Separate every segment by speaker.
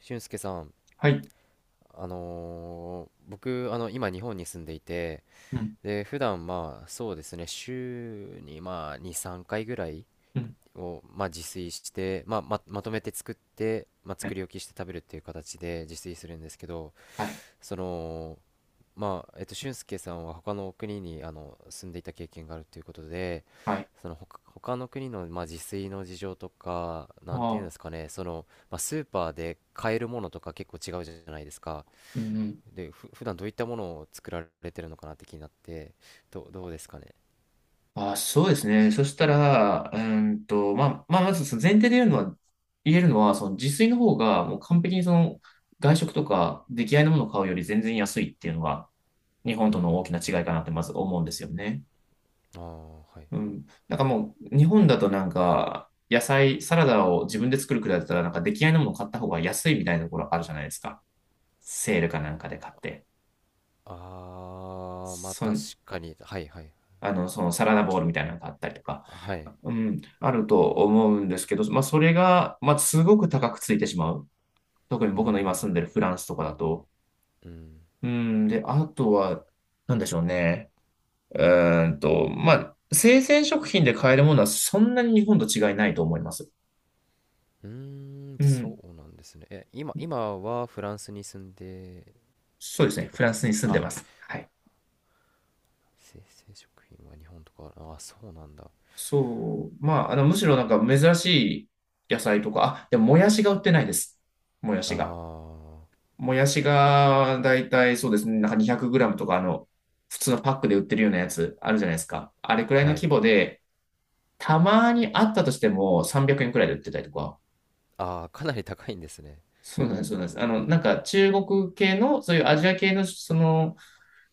Speaker 1: 俊介さん、
Speaker 2: はい。
Speaker 1: あのー僕、あの、今日本に住んでいて、
Speaker 2: うん。
Speaker 1: で、普段まあ、そうですね、週にまあ、2、3回ぐらい
Speaker 2: うん。
Speaker 1: を、まあ、自炊して、まあ、まとめて作って、まあ、
Speaker 2: は
Speaker 1: 作
Speaker 2: い。
Speaker 1: り置きして食べるっていう形で自炊するんですけど、
Speaker 2: はい。
Speaker 1: その、俊介さんは他の国に、住んでいた経験があるということで、
Speaker 2: はい。
Speaker 1: その他、他の国の、まあ、自炊の事情とか、
Speaker 2: あ
Speaker 1: なんていうんですか
Speaker 2: あ。
Speaker 1: ね、その、まあ、スーパーで買えるものとか結構違うじゃないですか。
Speaker 2: うんうん。
Speaker 1: で、普段どういったものを作られてるのかなって気になって、どうですかね。
Speaker 2: ああ、そうですね。そしたら、まあ、まずその前提で言うのは、言えるのは、その自炊の方が、もう完璧にその、外食とか出来合いのものを買うより全然安いっていうのが、日本
Speaker 1: うー
Speaker 2: との
Speaker 1: ん。
Speaker 2: 大きな違いかなってまず思うんですよね。
Speaker 1: ああ、はい。
Speaker 2: うん。なんかもう、日本だとなんか、野菜、サラダを自分で作るくらいだったら、なんか出来合いのものを買った方が安いみたいなところあるじゃないですか。セールかなんかで買って。
Speaker 1: ああ、まあ
Speaker 2: そ
Speaker 1: 確
Speaker 2: ん
Speaker 1: かに。はいはい。
Speaker 2: あの、そのサラダボールみたいなのがあったりとか、
Speaker 1: はい。
Speaker 2: うん、あると思うんですけど、まあ、それが、まあ、すごく高くついてしまう。特に
Speaker 1: う
Speaker 2: 僕の今
Speaker 1: ん。
Speaker 2: 住んでるフランスとかだと。
Speaker 1: うん。
Speaker 2: うん、で、あとは、なんでしょうね。まあ、生鮮食品で買えるものはそんなに日本と違いないと思います。
Speaker 1: うーん、
Speaker 2: うん、
Speaker 1: そうなんですね。え、今はフランスに住んでる
Speaker 2: そう
Speaker 1: っ
Speaker 2: です
Speaker 1: て
Speaker 2: ね。
Speaker 1: いうこ
Speaker 2: フ
Speaker 1: と
Speaker 2: ラン
Speaker 1: で
Speaker 2: ス
Speaker 1: す
Speaker 2: に
Speaker 1: か。
Speaker 2: 住んで
Speaker 1: あ、
Speaker 2: ます。はい。
Speaker 1: 生成食品は日本とか、あ、そうなんだ。
Speaker 2: そう。まあ、あの、むしろなんか珍しい野菜とか、あ、でももやしが売ってないです。もや
Speaker 1: あ
Speaker 2: しが。
Speaker 1: あ、
Speaker 2: もやしが、だいたいそうですね、なんか200ムとか、あの、普通のパックで売ってるようなやつあるじゃないですか。あれくらいの
Speaker 1: は
Speaker 2: 規
Speaker 1: い。
Speaker 2: 模で、たまにあったとしても300円くえんくらいで売ってたりとか。
Speaker 1: ああ、かなり高いんですね。
Speaker 2: そうなんです、そうなんです。あの、なんか中国系の、そういうアジア系の、その、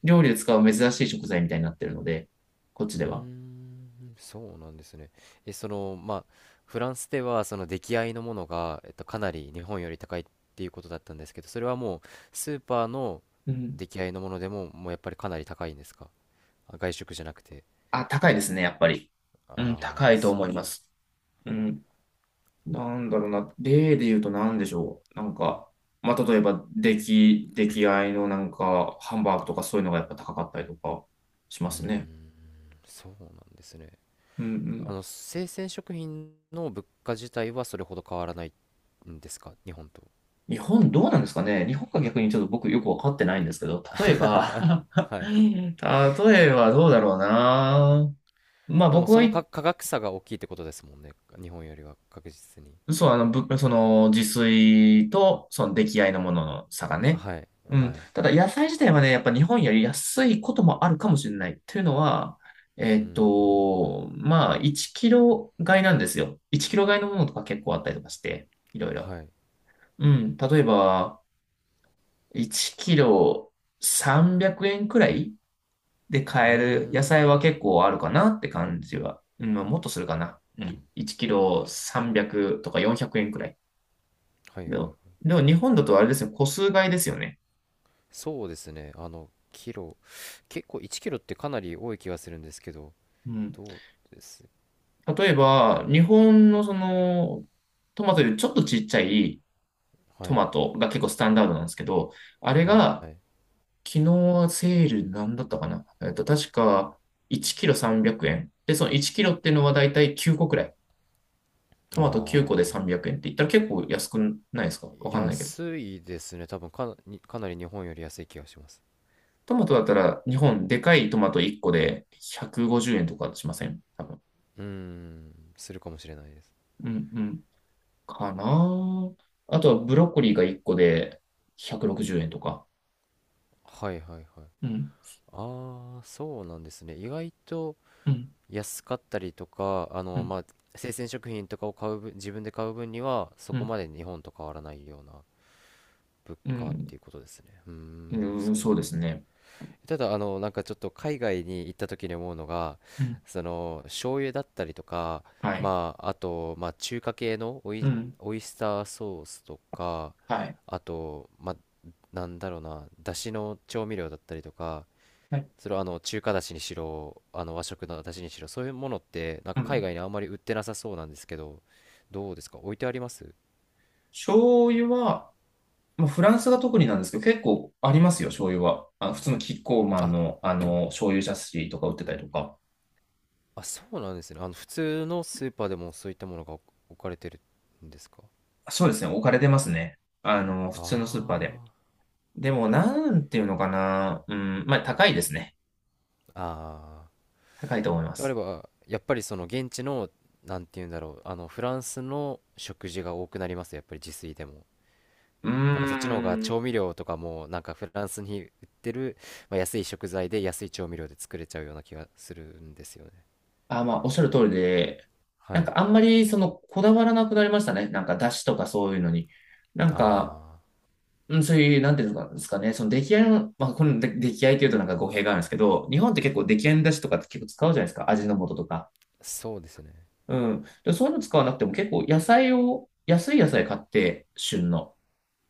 Speaker 2: 料理で使う珍しい食材みたいになってるので、こっち
Speaker 1: うー
Speaker 2: では。
Speaker 1: ん、そうなんですね。え、その、まあ、フランスでは、その出来合いのものが、えっと、かなり日本より高いっていうことだったんですけど、それはもう、スーパーの
Speaker 2: うん。
Speaker 1: 出来合いのものでも、もうやっぱりかなり高いんですか？あ、外食じゃなくて。
Speaker 2: あ、高いですね、やっぱり。うん、
Speaker 1: あ
Speaker 2: 高
Speaker 1: あ、
Speaker 2: いと
Speaker 1: そう
Speaker 2: 思い
Speaker 1: な
Speaker 2: ま
Speaker 1: ん、
Speaker 2: す。うん。なんだろうな、例で言うと何でしょう。なんか、まあ、例えば、出来合いのなんか、ハンバーグとかそういうのがやっぱ高かったりとかし
Speaker 1: う
Speaker 2: ま
Speaker 1: ー
Speaker 2: すね。
Speaker 1: ん、そうなんですね。
Speaker 2: うんう
Speaker 1: あ
Speaker 2: ん。
Speaker 1: の、生鮮食品の物価自体はそれほど変わらないんですか、日本と。
Speaker 2: 日本どうなんですかね。日本が逆にちょっと僕よくわかってないんですけど、例えば
Speaker 1: はい。
Speaker 2: 例えばどうだろうな。まあ
Speaker 1: でも、
Speaker 2: 僕
Speaker 1: そ
Speaker 2: は
Speaker 1: の価格差が大きいってことですもんね。日本よりは確実に。
Speaker 2: そう、あの、その、自炊と、その、出来合いのものの差がね。
Speaker 1: はい、
Speaker 2: うん。
Speaker 1: はい。
Speaker 2: ただ、野菜自体はね、やっぱ日本より安いこともあるかもしれない。というのは、
Speaker 1: うん、
Speaker 2: まあ、1キロ買いなんですよ。1キロ買いのものとか結構あったりとかして、いろいろ。
Speaker 1: はい。
Speaker 2: うん。例えば、1キロ300円くえんくらいで
Speaker 1: う
Speaker 2: 買
Speaker 1: ー
Speaker 2: える野菜は
Speaker 1: ん、
Speaker 2: 結構あるかなって感じは。うん、まあもっとするかな。うん。1キロ300とか400円くえんくらい。
Speaker 1: はいはい
Speaker 2: で
Speaker 1: は
Speaker 2: も、
Speaker 1: い。
Speaker 2: でも日本だとあれですね、個数買いですよね。
Speaker 1: そうですね。あの、キロ、結構1キロってかなり多い気がするんですけど、
Speaker 2: うん。
Speaker 1: どうです？
Speaker 2: 例えば、日本のその、トマトよりちょっとちっちゃい
Speaker 1: は
Speaker 2: ト
Speaker 1: い、
Speaker 2: マトが結構スタンダードなんですけど、あれ
Speaker 1: は
Speaker 2: が、
Speaker 1: い。
Speaker 2: 昨日はセールなんだったかな。確か1キロ300円。で、その1キロっていうのはだいたい9個くらい。トマト9個で
Speaker 1: あ
Speaker 2: 300円って言ったら結構安くないですか。わ
Speaker 1: ー、
Speaker 2: かんないけど。
Speaker 1: 安いですね。多分かな、にかなり日本より安い気がします。
Speaker 2: トマトだったら日本でかいトマト1個で150円とかしません多分。
Speaker 1: うーん、するかもしれないです。
Speaker 2: うんうんかな。あとはブロッコリーが1個で160円とか。
Speaker 1: はいはいはい。
Speaker 2: うん、
Speaker 1: ああ、そうなんですね。意外と
Speaker 2: うん、
Speaker 1: 安かったりとか、あ
Speaker 2: う
Speaker 1: の、
Speaker 2: ん、
Speaker 1: まあ、生鮮食品とかを買う分、自分で買う分には、そ
Speaker 2: う
Speaker 1: こ
Speaker 2: ん、
Speaker 1: まで日本と変わらないようなプ
Speaker 2: う
Speaker 1: かっ
Speaker 2: ん、
Speaker 1: ていうことですね。うーん、
Speaker 2: うん、
Speaker 1: そうな
Speaker 2: そうで
Speaker 1: ん
Speaker 2: す
Speaker 1: です。
Speaker 2: ね。
Speaker 1: ただ、あの、なんかちょっと海外に行った時に思うのが、
Speaker 2: うん、
Speaker 1: その、醤油だったりとか、
Speaker 2: はい。
Speaker 1: まあ、あと、まあ、中華系の
Speaker 2: うん、
Speaker 1: オイスターソースとか、
Speaker 2: はい。
Speaker 1: あと、まあ、なんだろうな、だしの調味料だったりとか、
Speaker 2: はい、
Speaker 1: それはあの、中華だしにしろ、あの、和食のだしにしろ、そういうものって、なん
Speaker 2: う
Speaker 1: か海
Speaker 2: ん。
Speaker 1: 外にあんまり売ってなさそうなんですけど、どうですか、置いてあります？
Speaker 2: 醤油は、まあ、フランスが特になんですけど、結構ありますよ、醤油は。あ、普通のキッコーマン
Speaker 1: あ、
Speaker 2: の、あの、醤油ジャスシーとか売ってたりとか。
Speaker 1: あ、そうなんですね。あの、普通のスーパーでもそういったものが置かれてるんですか？
Speaker 2: そうですね、置かれてますね。あの、普通のスーパーで。
Speaker 1: あ
Speaker 2: でも、なんていうのかな。うん、まあ、高いですね。
Speaker 1: あ、ああ。
Speaker 2: 高いと思いま
Speaker 1: であれ
Speaker 2: す。
Speaker 1: ば、やっぱりその現地の、なんて言うんだろう、あの、フランスの食事が多くなります、やっぱり自炊でも。
Speaker 2: うー
Speaker 1: なんかそっちの方が
Speaker 2: ん。
Speaker 1: 調味料とかも、なんかフランスに売ってる、まあ、安い食材で安い調味料で作れちゃうような気がするんですよね。
Speaker 2: あ、まあ、おっしゃる通りで、なん
Speaker 1: はい。
Speaker 2: かあんまりそのこだわらなくなりましたね。なんか出汁とかそういうのに。なんか、
Speaker 1: あ
Speaker 2: うん、そういう、なんていうんですかね、その出来合いの、まあ、この出出来合いというとなんか語弊があるんですけど、日本って結構出来合いの出汁とかって結構使うじゃないですか。味の素とか。
Speaker 1: あ、そうですね。
Speaker 2: うん。で、そういうの使わなくても結構野菜を、安い野菜買って、旬の。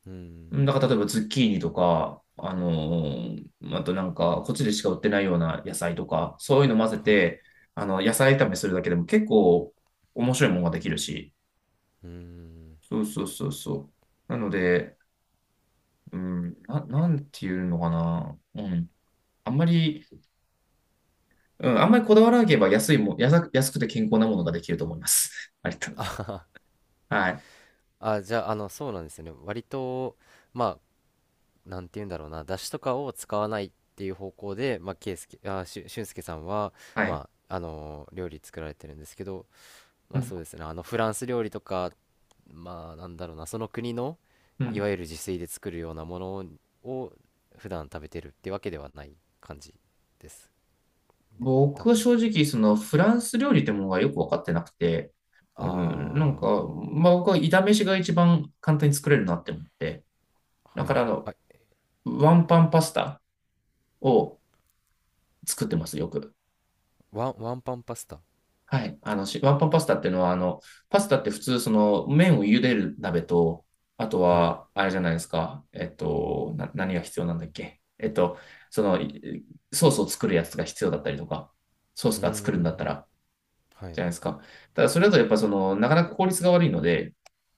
Speaker 1: う
Speaker 2: うん
Speaker 1: ん。
Speaker 2: だから例えばズッキーニとか、あのーあとなんか、こっちでしか売ってないような野菜とか、そういうの混ぜ
Speaker 1: はい。
Speaker 2: て、あの、野菜炒めするだけでも結構面白いものができるし。
Speaker 1: うん。
Speaker 2: そうそうそうそう。なので、うん、なんていうのかな。うん。あんまり、うん、あんまりこだわらなければ安いも、安く安くて健康なものができると思います。ありと はい。
Speaker 1: あ、じゃあ、あの、そうなんですよね。割と、まあ、なんて言うんだろうな、出汁とかを使わないっていう方向で、まあ、圭介、あ、しゅ、俊介さんは、
Speaker 2: はい。
Speaker 1: まあ、あの、料理作られてるんですけど、ま
Speaker 2: う
Speaker 1: あ
Speaker 2: ん。
Speaker 1: そうですね、あの、フランス料理とか、まあ、なんだろうな、その国の、
Speaker 2: う
Speaker 1: いわ
Speaker 2: ん
Speaker 1: ゆる自炊で作るようなものを、普段食べてるってわけではない感じですね、多
Speaker 2: 僕
Speaker 1: 分。
Speaker 2: は正直、そのフランス料理ってものがよく分かってなくて、うん、なん
Speaker 1: あ
Speaker 2: か、まあ僕は炒飯が一番簡単に作れるなって思って、
Speaker 1: あ、
Speaker 2: だ
Speaker 1: は
Speaker 2: か
Speaker 1: い。
Speaker 2: らあの、
Speaker 1: あ、
Speaker 2: ワンパンパスタを作ってます、よく。
Speaker 1: ワンパンパスタ。
Speaker 2: はい。あの、ワンパンパスタっていうのは、あの、パスタって普通、その、麺を茹でる鍋と、あと
Speaker 1: はい。
Speaker 2: は、あれじゃないですか、何が必要なんだっけ。その、ソースを作るやつが必要だったりとか、ソース
Speaker 1: うー
Speaker 2: が作るんだった
Speaker 1: ん。
Speaker 2: ら、
Speaker 1: はい。
Speaker 2: じゃないですか。ただ、それだとやっぱその、なかなか効率が悪いので、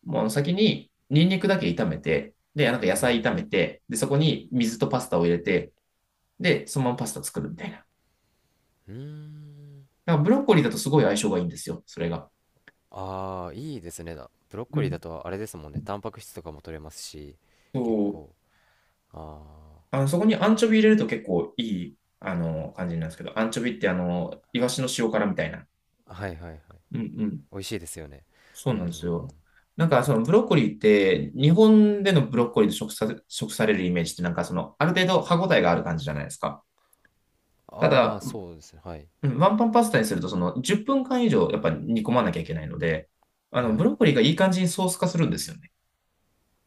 Speaker 2: もうあの先にニンニクだけ炒めて、で、なんか野
Speaker 1: う
Speaker 2: 菜
Speaker 1: ん。
Speaker 2: 炒めて、で、そこに水とパスタを入れて、で、そのままパスタ作るみたいな。
Speaker 1: うーん。
Speaker 2: だからブロッコリーだとすごい相性がいいんですよ、それが。
Speaker 1: ああ、いいですね。だブロッ
Speaker 2: う
Speaker 1: コリーだ
Speaker 2: ん。
Speaker 1: とあれですもんね。タンパク質とかも取れますし、結
Speaker 2: そう。
Speaker 1: 構。あ
Speaker 2: あの、そこにアンチョビ入れると結構いい、あの、感じになるんですけど、アンチョビってあの、イワシの塩辛みたいな。
Speaker 1: あ、はいはいはい。
Speaker 2: うんうん。
Speaker 1: 美味しいですよね。
Speaker 2: そう
Speaker 1: うー
Speaker 2: なんで
Speaker 1: ん。
Speaker 2: すよ。なんかそのブロッコリーって、日本でのブロッコリーと食されるイメージってなんかその、ある程度歯ごたえがある感じじゃないですか。
Speaker 1: あ
Speaker 2: た
Speaker 1: あ、ま
Speaker 2: だ、
Speaker 1: あ
Speaker 2: うん
Speaker 1: そうですね。はい。
Speaker 2: ワンパンパスタにするとその10分間以上やっぱ煮込まなきゃいけないので、あの、
Speaker 1: は
Speaker 2: ブ
Speaker 1: い。
Speaker 2: ロッコリーがいい感じにソース化するんですよね。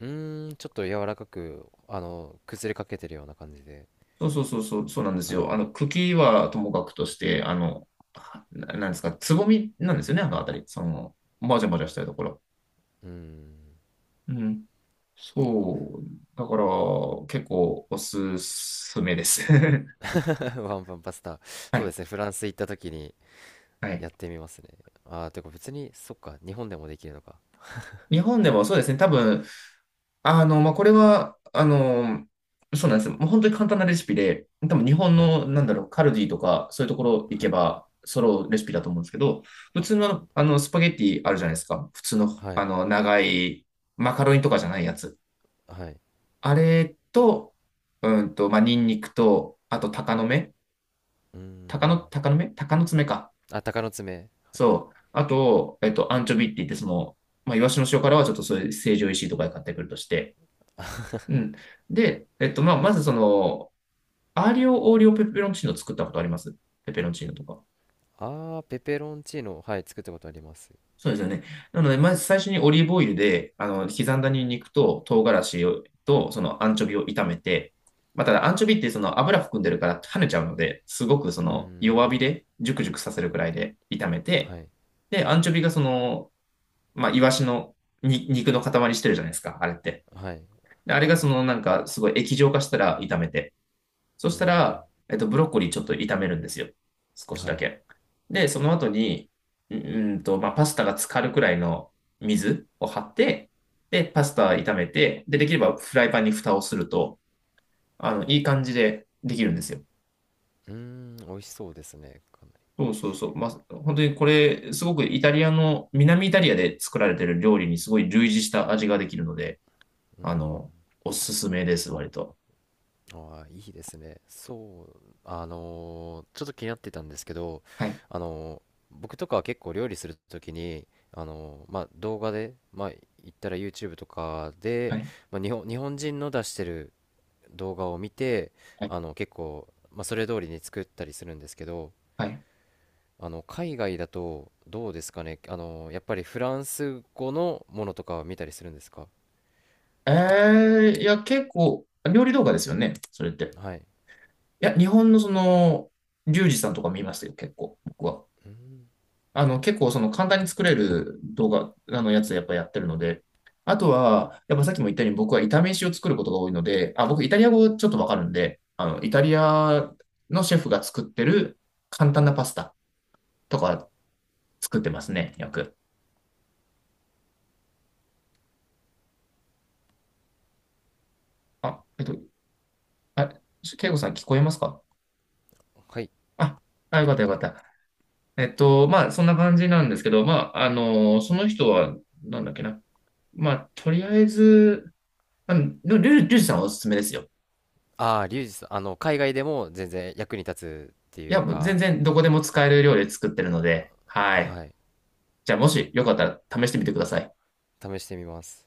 Speaker 1: うーん、ちょっと柔らかく、あの、崩れかけてるような感じで。
Speaker 2: そうそうそうそう、そうなんです
Speaker 1: はいはい。
Speaker 2: よ。あの、茎はともかくとして、あの、なんですか、つぼみなんですよね、あのあたり。その、もじゃもじゃしたところ。
Speaker 1: うーん。
Speaker 2: うん。そう。だから、結構おすすめです。
Speaker 1: ワンパンパスタ。
Speaker 2: は
Speaker 1: そうで
Speaker 2: い。
Speaker 1: すね。フランス行った時に
Speaker 2: はい。
Speaker 1: やってみますね。ああ、てか別に、そっか。日本でもできるのか。
Speaker 2: 日本でもそうですね。多分、あの、まあ、これは、あの、そうなんですよ。もう本当に簡単なレシピで、多分日本
Speaker 1: はい。
Speaker 2: の、なんだろう、カルディとか、そういうところ行
Speaker 1: は
Speaker 2: け
Speaker 1: い。
Speaker 2: ば、揃うレシピだと思うんですけど、普
Speaker 1: あ、
Speaker 2: 通の、あの、スパゲッティあるじゃないですか。普通の、
Speaker 1: は
Speaker 2: あ
Speaker 1: い。
Speaker 2: の、長い、マカロニとかじゃないやつ。
Speaker 1: はい。
Speaker 2: あれと、うんと、まあ、ニンニクと、あと、
Speaker 1: うーん。
Speaker 2: 鷹の爪か。
Speaker 1: あ、鷹の爪。
Speaker 2: そう。あと、アンチョビって言って、その、まあ、イワシの塩辛はちょっとそういう成城石井とかで買ってくるとして、うん。で、まあ、まずその、アーリオオーリオペペロンチーノ作ったことありますペペロンチーノとか。
Speaker 1: ああ、ペペロンチーノ。はい、作ったことあります。
Speaker 2: そうですよね。なので、まず最初にオリーブオイルで、あの、刻んだニンニクと唐辛子をと、そのアンチョビを炒めて、まあ、ただアンチョビってその油含んでるから跳ねちゃうので、すごくそ
Speaker 1: うー
Speaker 2: の弱火
Speaker 1: ん。
Speaker 2: でジュクジュクさせるくらいで炒めて、
Speaker 1: はい。
Speaker 2: で、アンチョビがその、まあ、イワシの肉の塊してるじゃないですか、あれって。
Speaker 1: はい。
Speaker 2: であれがそのなんかすごい液状化したら炒めて、そ
Speaker 1: うー
Speaker 2: した
Speaker 1: ん。
Speaker 2: ら、ブロッコリーちょっと炒めるんですよ。少し
Speaker 1: は
Speaker 2: だ
Speaker 1: い。
Speaker 2: け。で、その後に、まあ、パスタが浸かるくらいの水を張って、で、パスタ炒めて、で、できればフライパンに蓋をすると、あの、いい感じでできるんですよ。
Speaker 1: うーん。美味しそうですね。かな
Speaker 2: そうそうそう。まあ、本当にこれ、すごくイタリアの、南イタリアで作られてる料理にすごい類似した味ができるので、
Speaker 1: り。う
Speaker 2: あの、おすすめです、割と。
Speaker 1: ーん。ああいいですね。そう。あのーちょっと気になってたんですけど、
Speaker 2: はい。
Speaker 1: あのー僕とかは結構料理するときに、あのーまあ、動画で、まあ、言ったら YouTube とか
Speaker 2: は
Speaker 1: で、
Speaker 2: い。
Speaker 1: まあ、日本人の出してる動画を見て、
Speaker 2: はい。
Speaker 1: あの、結構、まあ、それ通りに作ったりするんですけど、
Speaker 2: はい。
Speaker 1: あの海外だとどうですかね、あのやっぱりフランス語のものとかは見たりするんですか？
Speaker 2: えいや、結構、料理動画ですよね、それって。
Speaker 1: はい。
Speaker 2: いや、日本のその、リュウジさんとか見ましたよ、結構、僕は。
Speaker 1: うん。
Speaker 2: あの、結構、その、簡単に作れる動画、あの、やっぱやってるので。あとは、やっぱさっきも言ったように、僕は炒め飯を作ることが多いので、あ、僕、イタリア語ちょっとわかるんで、あの、イタリアのシェフが作ってる簡単なパスタとか作ってますね、よく。あ、あ、ケイゴさん聞こえますか？
Speaker 1: はい。
Speaker 2: あ、あ、よかったよかった。まあ、そんな感じなんですけど、まあ、あの、その人は、なんだっけな。まあ、とりあえず、あの、でもリュウジさんはおすすめですよ。
Speaker 1: ああ、リュウジさん、あの海外でも全然役に立つって
Speaker 2: い
Speaker 1: い
Speaker 2: や、
Speaker 1: う
Speaker 2: もう全
Speaker 1: か、
Speaker 2: 然どこでも使える料理作ってるので、はい。
Speaker 1: はい。
Speaker 2: じゃあ、もしよかったら試してみてください。
Speaker 1: 試してみます。